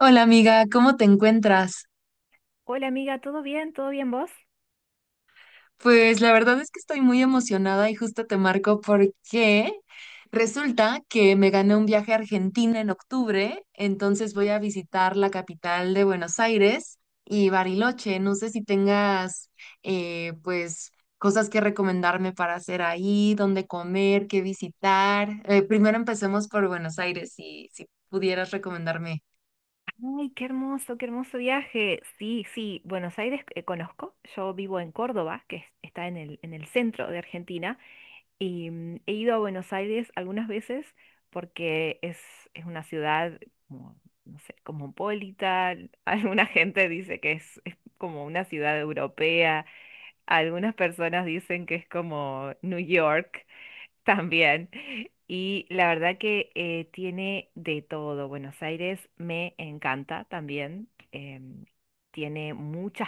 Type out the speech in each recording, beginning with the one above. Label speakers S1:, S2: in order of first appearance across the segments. S1: Hola amiga, ¿cómo te encuentras?
S2: Hola amiga, ¿todo bien? ¿Todo bien vos?
S1: Pues la verdad es que estoy muy emocionada y justo te marco porque resulta que me gané un viaje a Argentina en octubre, entonces voy a visitar la capital de Buenos Aires y Bariloche. No sé si tengas pues cosas que recomendarme para hacer ahí, dónde comer, qué visitar. Primero empecemos por Buenos Aires, si pudieras recomendarme.
S2: Ay, qué hermoso viaje. Sí, sí, Buenos Aires conozco. Yo vivo en Córdoba, está en el centro de Argentina, y he ido a Buenos Aires algunas veces porque es una ciudad como, no sé, cosmopolita. Alguna gente dice que es como una ciudad europea. Algunas personas dicen que es como New York. También. Y la verdad que tiene de todo. Buenos Aires me encanta también. Tiene muchas,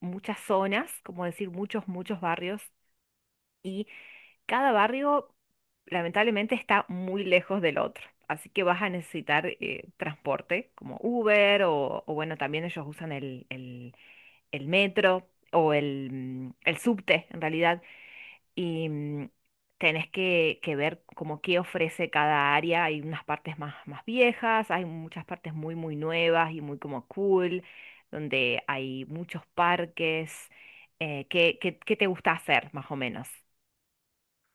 S2: muchas zonas, como decir, muchos, muchos barrios. Y cada barrio, lamentablemente, está muy lejos del otro. Así que vas a necesitar transporte, como Uber, o bueno, también ellos usan el metro o el subte, en realidad y tenés que ver como qué ofrece cada área. Hay unas partes más, más viejas, hay muchas partes muy, muy nuevas y muy como cool, donde hay muchos parques. ¿Qué, qué, qué te gusta hacer, más o menos?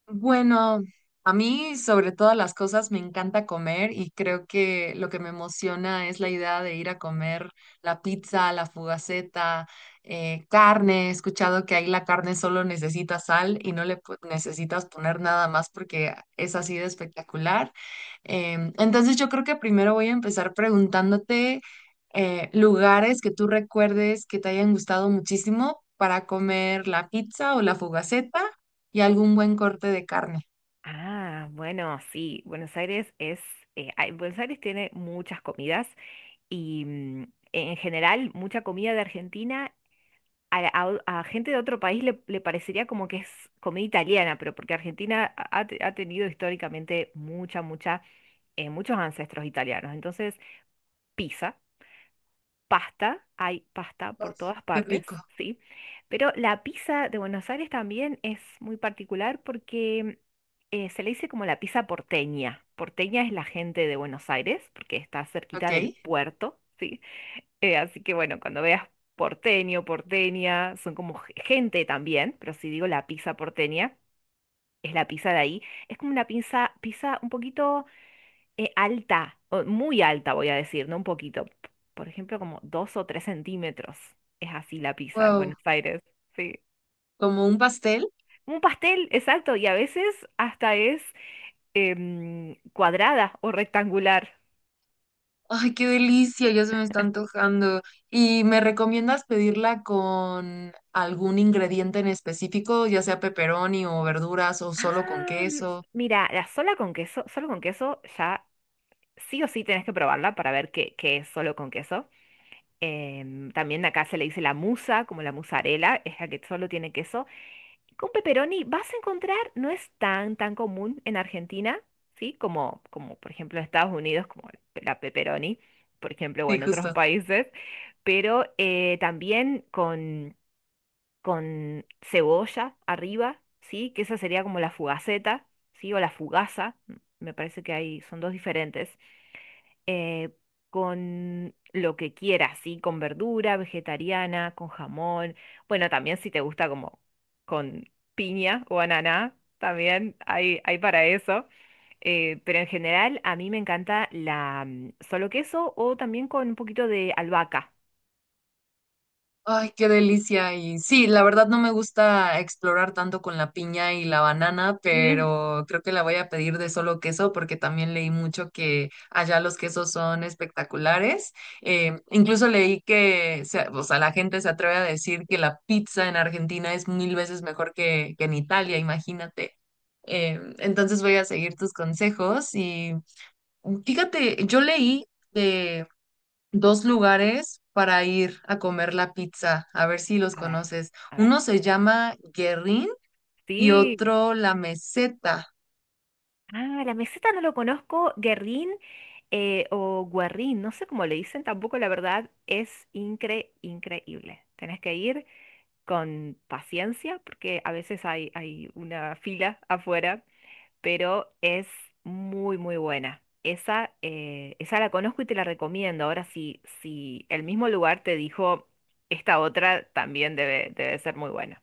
S1: Bueno, a mí sobre todas las cosas me encanta comer y creo que lo que me emociona es la idea de ir a comer la pizza, la fugaceta, carne. He escuchado que ahí la carne solo necesita sal y no necesitas poner nada más porque es así de espectacular. Entonces yo creo que primero voy a empezar preguntándote lugares que tú recuerdes que te hayan gustado muchísimo para comer la pizza o la fugaceta y algún buen corte de carne.
S2: Ah, bueno, sí, Buenos Aires es, Buenos Aires tiene muchas comidas y en general mucha comida de Argentina a, la- a o- a gente de otro país le, le parecería como que es comida italiana, pero porque Argentina ha tenido históricamente mucha, mucha, muchos ancestros italianos. Entonces, pizza, pasta, hay pasta por
S1: Uf,
S2: todas
S1: qué
S2: partes,
S1: rico.
S2: ¿sí? Pero la pizza de Buenos Aires también es muy particular porque se le dice como la pizza porteña. Porteña es la gente de Buenos Aires, porque está
S1: Ok.
S2: cerquita del puerto. Sí, así que bueno, cuando veas porteño, porteña, son como gente también, pero si digo la pizza porteña, es la pizza de ahí. Es como una pizza, pizza un poquito alta, o muy alta voy a decir, no un poquito. Por ejemplo, como dos o tres centímetros. Es así la pizza en
S1: Wow.
S2: Buenos Aires. Sí.
S1: Como un pastel.
S2: Un pastel, exacto, y a veces hasta es cuadrada o rectangular.
S1: Ay, qué delicia, ya se me está antojando. ¿Y me recomiendas pedirla con algún ingrediente en específico, ya sea pepperoni o verduras o solo con
S2: Ah, m-
S1: queso?
S2: Mira, la sola con queso, solo con queso ya sí o sí tenés que probarla para ver qué, qué es solo con queso. También acá se le dice la musa, como la mozzarella, es la que solo tiene queso. Con pepperoni vas a encontrar, no es tan, tan común en Argentina, ¿sí? Como, como por ejemplo en Estados Unidos, como la pepperoni, por ejemplo, o
S1: Sí,
S2: en otros
S1: justo.
S2: países, pero también con cebolla arriba, ¿sí? Que esa sería como la fugaceta, ¿sí? O la fugaza, me parece que hay, son dos diferentes eh, con lo que quieras, ¿sí? Con verdura, vegetariana, con jamón. Bueno, también si te gusta como con piña o ananá, también hay para eso. Pero en general a mí me encanta la solo queso o también con un poquito de albahaca.
S1: Ay, qué delicia. Y sí, la verdad no me gusta explorar tanto con la piña y la banana,
S2: Mm.
S1: pero creo que la voy a pedir de solo queso porque también leí mucho que allá los quesos son espectaculares. Incluso leí o sea, la gente se atreve a decir que la pizza en Argentina es mil veces mejor que en Italia, imagínate. Entonces voy a seguir tus consejos y fíjate, yo leí dos lugares para ir a comer la pizza, a ver si los
S2: A ver,
S1: conoces.
S2: a ver.
S1: Uno se llama Guerrín y
S2: Sí.
S1: otro La Meseta.
S2: Ah, la meseta no lo conozco. Guerrín o guarrín, no sé cómo le dicen tampoco, la verdad, es increíble. Tenés que ir con paciencia, porque a veces hay, hay una fila afuera, pero es muy, muy buena. Esa, esa la conozco y te la recomiendo. Ahora, si, si el mismo lugar te dijo, esta otra también debe, debe ser muy buena.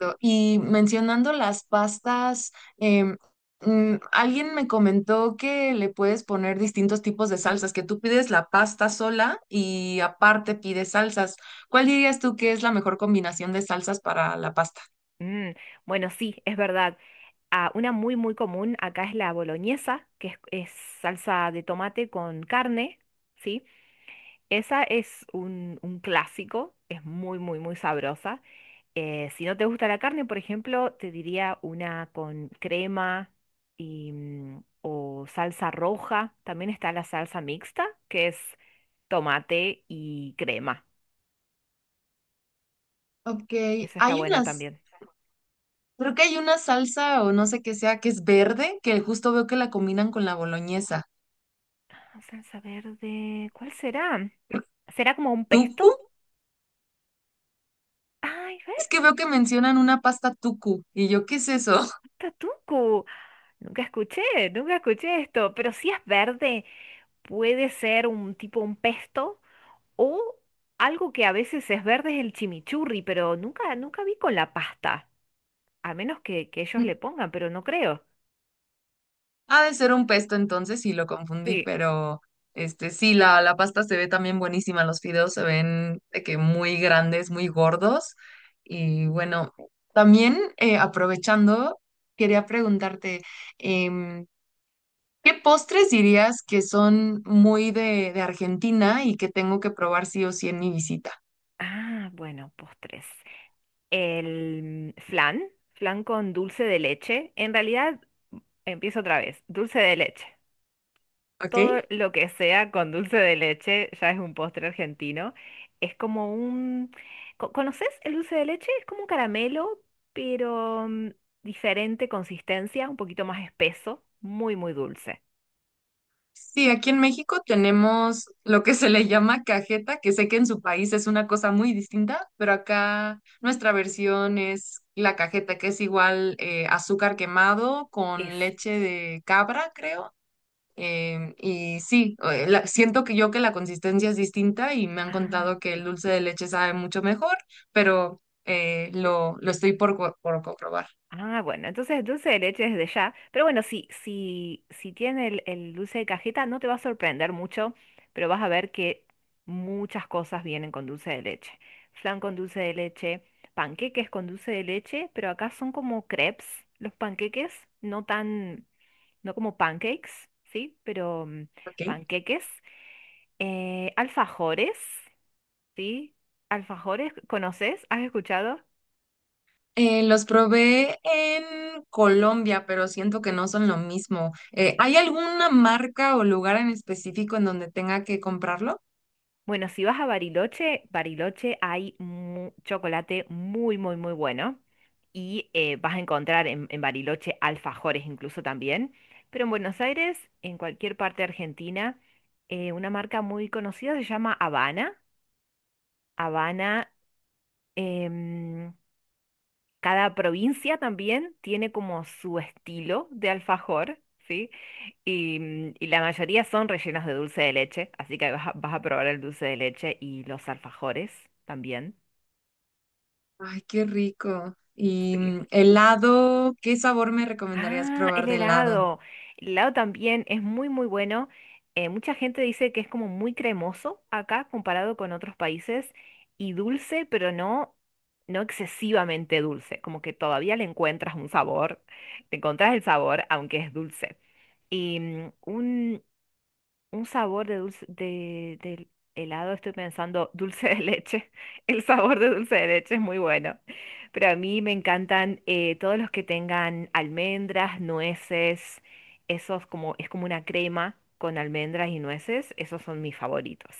S2: Sí.
S1: Y mencionando las pastas, alguien me comentó que le puedes poner distintos tipos de salsas, que tú pides la pasta sola y aparte pides salsas. ¿Cuál dirías tú que es la mejor combinación de salsas para la pasta?
S2: Mm, bueno, sí, es verdad. Ah, una muy, muy común acá es la boloñesa, que es salsa de tomate con carne, ¿sí? Esa es un clásico, es muy, muy, muy sabrosa. Si no te gusta la carne, por ejemplo, te diría una con crema y, o salsa roja. También está la salsa mixta, que es tomate y crema.
S1: Ok,
S2: Esa está
S1: hay
S2: buena
S1: unas.
S2: también.
S1: Creo que hay una salsa o no sé qué sea que es verde, que justo veo que la combinan con la boloñesa.
S2: Ah, salsa verde, ¿cuál será? ¿Será como un pesto?
S1: ¿Tucu?
S2: Ay,
S1: Es que veo que mencionan una pasta tucu. Y yo, ¿qué es eso?
S2: Tatuco. Nunca escuché, nunca escuché esto, pero si es verde, puede ser un tipo un pesto o algo que a veces es verde es el chimichurri, pero nunca, nunca vi con la pasta, a menos que ellos le pongan, pero no creo.
S1: Ha de ser un pesto entonces y lo confundí,
S2: Sí.
S1: pero este sí, la pasta se ve también buenísima. Los fideos se ven de que muy grandes, muy gordos. Y bueno, también aprovechando, quería preguntarte, em, ¿qué postres dirías que son muy de Argentina y que tengo que probar sí o sí en mi visita?
S2: Ah, bueno, postres. El flan, flan con dulce de leche. En realidad, empiezo otra vez, dulce de leche.
S1: ¿Ok?
S2: Todo lo que sea con dulce de leche ya es un postre argentino. Es como un... ¿Conoces el dulce de leche? Es como un caramelo, pero diferente consistencia, un poquito más espeso, muy, muy dulce.
S1: Sí, aquí en México tenemos lo que se le llama cajeta, que sé que en su país es una cosa muy distinta, pero acá nuestra versión es la cajeta, que es igual azúcar quemado con
S2: Eso.
S1: leche de cabra, creo. Y sí, siento que yo que la consistencia es distinta y me han
S2: Ah,
S1: contado que el
S2: ok.
S1: dulce de leche sabe mucho mejor, pero lo estoy por comprobar.
S2: Ah, bueno, entonces dulce de leche desde ya. Pero bueno, si, si, si tiene el dulce de cajeta, no te va a sorprender mucho, pero vas a ver que muchas cosas vienen con dulce de leche. Flan con dulce de leche, panqueques con dulce de leche, pero acá son como crepes, los panqueques, no tan, no como pancakes, ¿sí? Pero
S1: Ok.
S2: panqueques. Alfajores, ¿sí? Alfajores, ¿conoces? ¿Has escuchado?
S1: Los probé en Colombia, pero siento que no son lo mismo. ¿Hay alguna marca o lugar en específico en donde tenga que comprarlo?
S2: Bueno, si vas a Bariloche, Bariloche hay chocolate muy, muy, muy bueno. Y vas a encontrar en Bariloche alfajores incluso también. Pero en Buenos Aires, en cualquier parte de Argentina, una marca muy conocida se llama Habana. Habana em, cada provincia también tiene como su estilo de alfajor, ¿sí? Y, y la mayoría son rellenos de dulce de leche, así que vas a, vas a probar el dulce de leche y los alfajores también.
S1: Ay, qué rico. Y
S2: Sí.
S1: mm, helado, ¿qué sabor me recomendarías
S2: Ah,
S1: probar
S2: el
S1: de helado?
S2: helado. El helado también es muy, muy bueno. Mucha gente dice que es como muy cremoso acá comparado con otros países y dulce, pero no, no excesivamente dulce, como que todavía le encuentras un sabor, le encontrás el sabor, aunque es dulce. Y un sabor de dulce, de, del helado, estoy pensando dulce de leche. El sabor de dulce de leche es muy bueno. Pero a mí me encantan todos los que tengan almendras, nueces, esos como, es como una crema con almendras y nueces, esos son mis favoritos.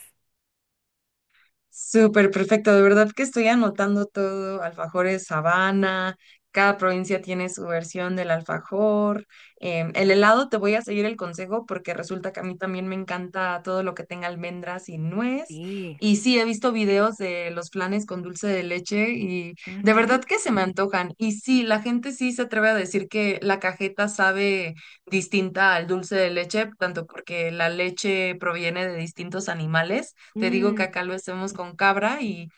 S1: Súper perfecto, de verdad que estoy anotando todo, alfajores Habana, cada provincia tiene su versión del alfajor. Em, el
S2: Ah,
S1: helado te voy a seguir el consejo porque resulta que a mí también me encanta todo lo que tenga almendras y nuez.
S2: sí.
S1: Y sí, he visto videos de los flanes con dulce de leche y de
S2: Ujú.
S1: verdad que se me antojan. Y sí, la gente sí se atreve a decir que la cajeta sabe distinta al dulce de leche, tanto porque la leche proviene de distintos animales, te digo que
S2: Mm,
S1: acá lo hacemos con cabra y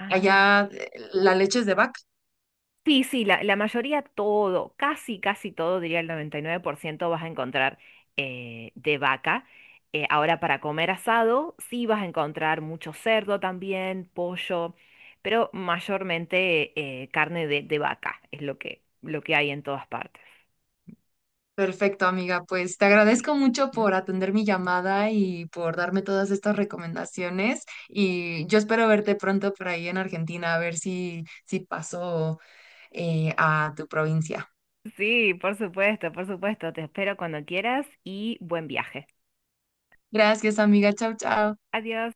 S2: ah,
S1: allá la leche es de vaca.
S2: sí, sí, la mayoría todo, casi, casi todo, diría el 99%, vas a encontrar de vaca. Ahora para comer asado, sí vas a encontrar mucho cerdo también, pollo, pero mayormente carne de vaca es lo que hay en todas partes.
S1: Perfecto, amiga. Pues te
S2: Sí.
S1: agradezco mucho
S2: ¿Mm?
S1: por atender mi llamada y por darme todas estas recomendaciones. Y yo espero verte pronto por ahí en Argentina, a ver si paso a tu provincia.
S2: Sí, por supuesto, por supuesto. Te espero cuando quieras y buen viaje.
S1: Gracias, amiga. Chao, chao.
S2: Adiós.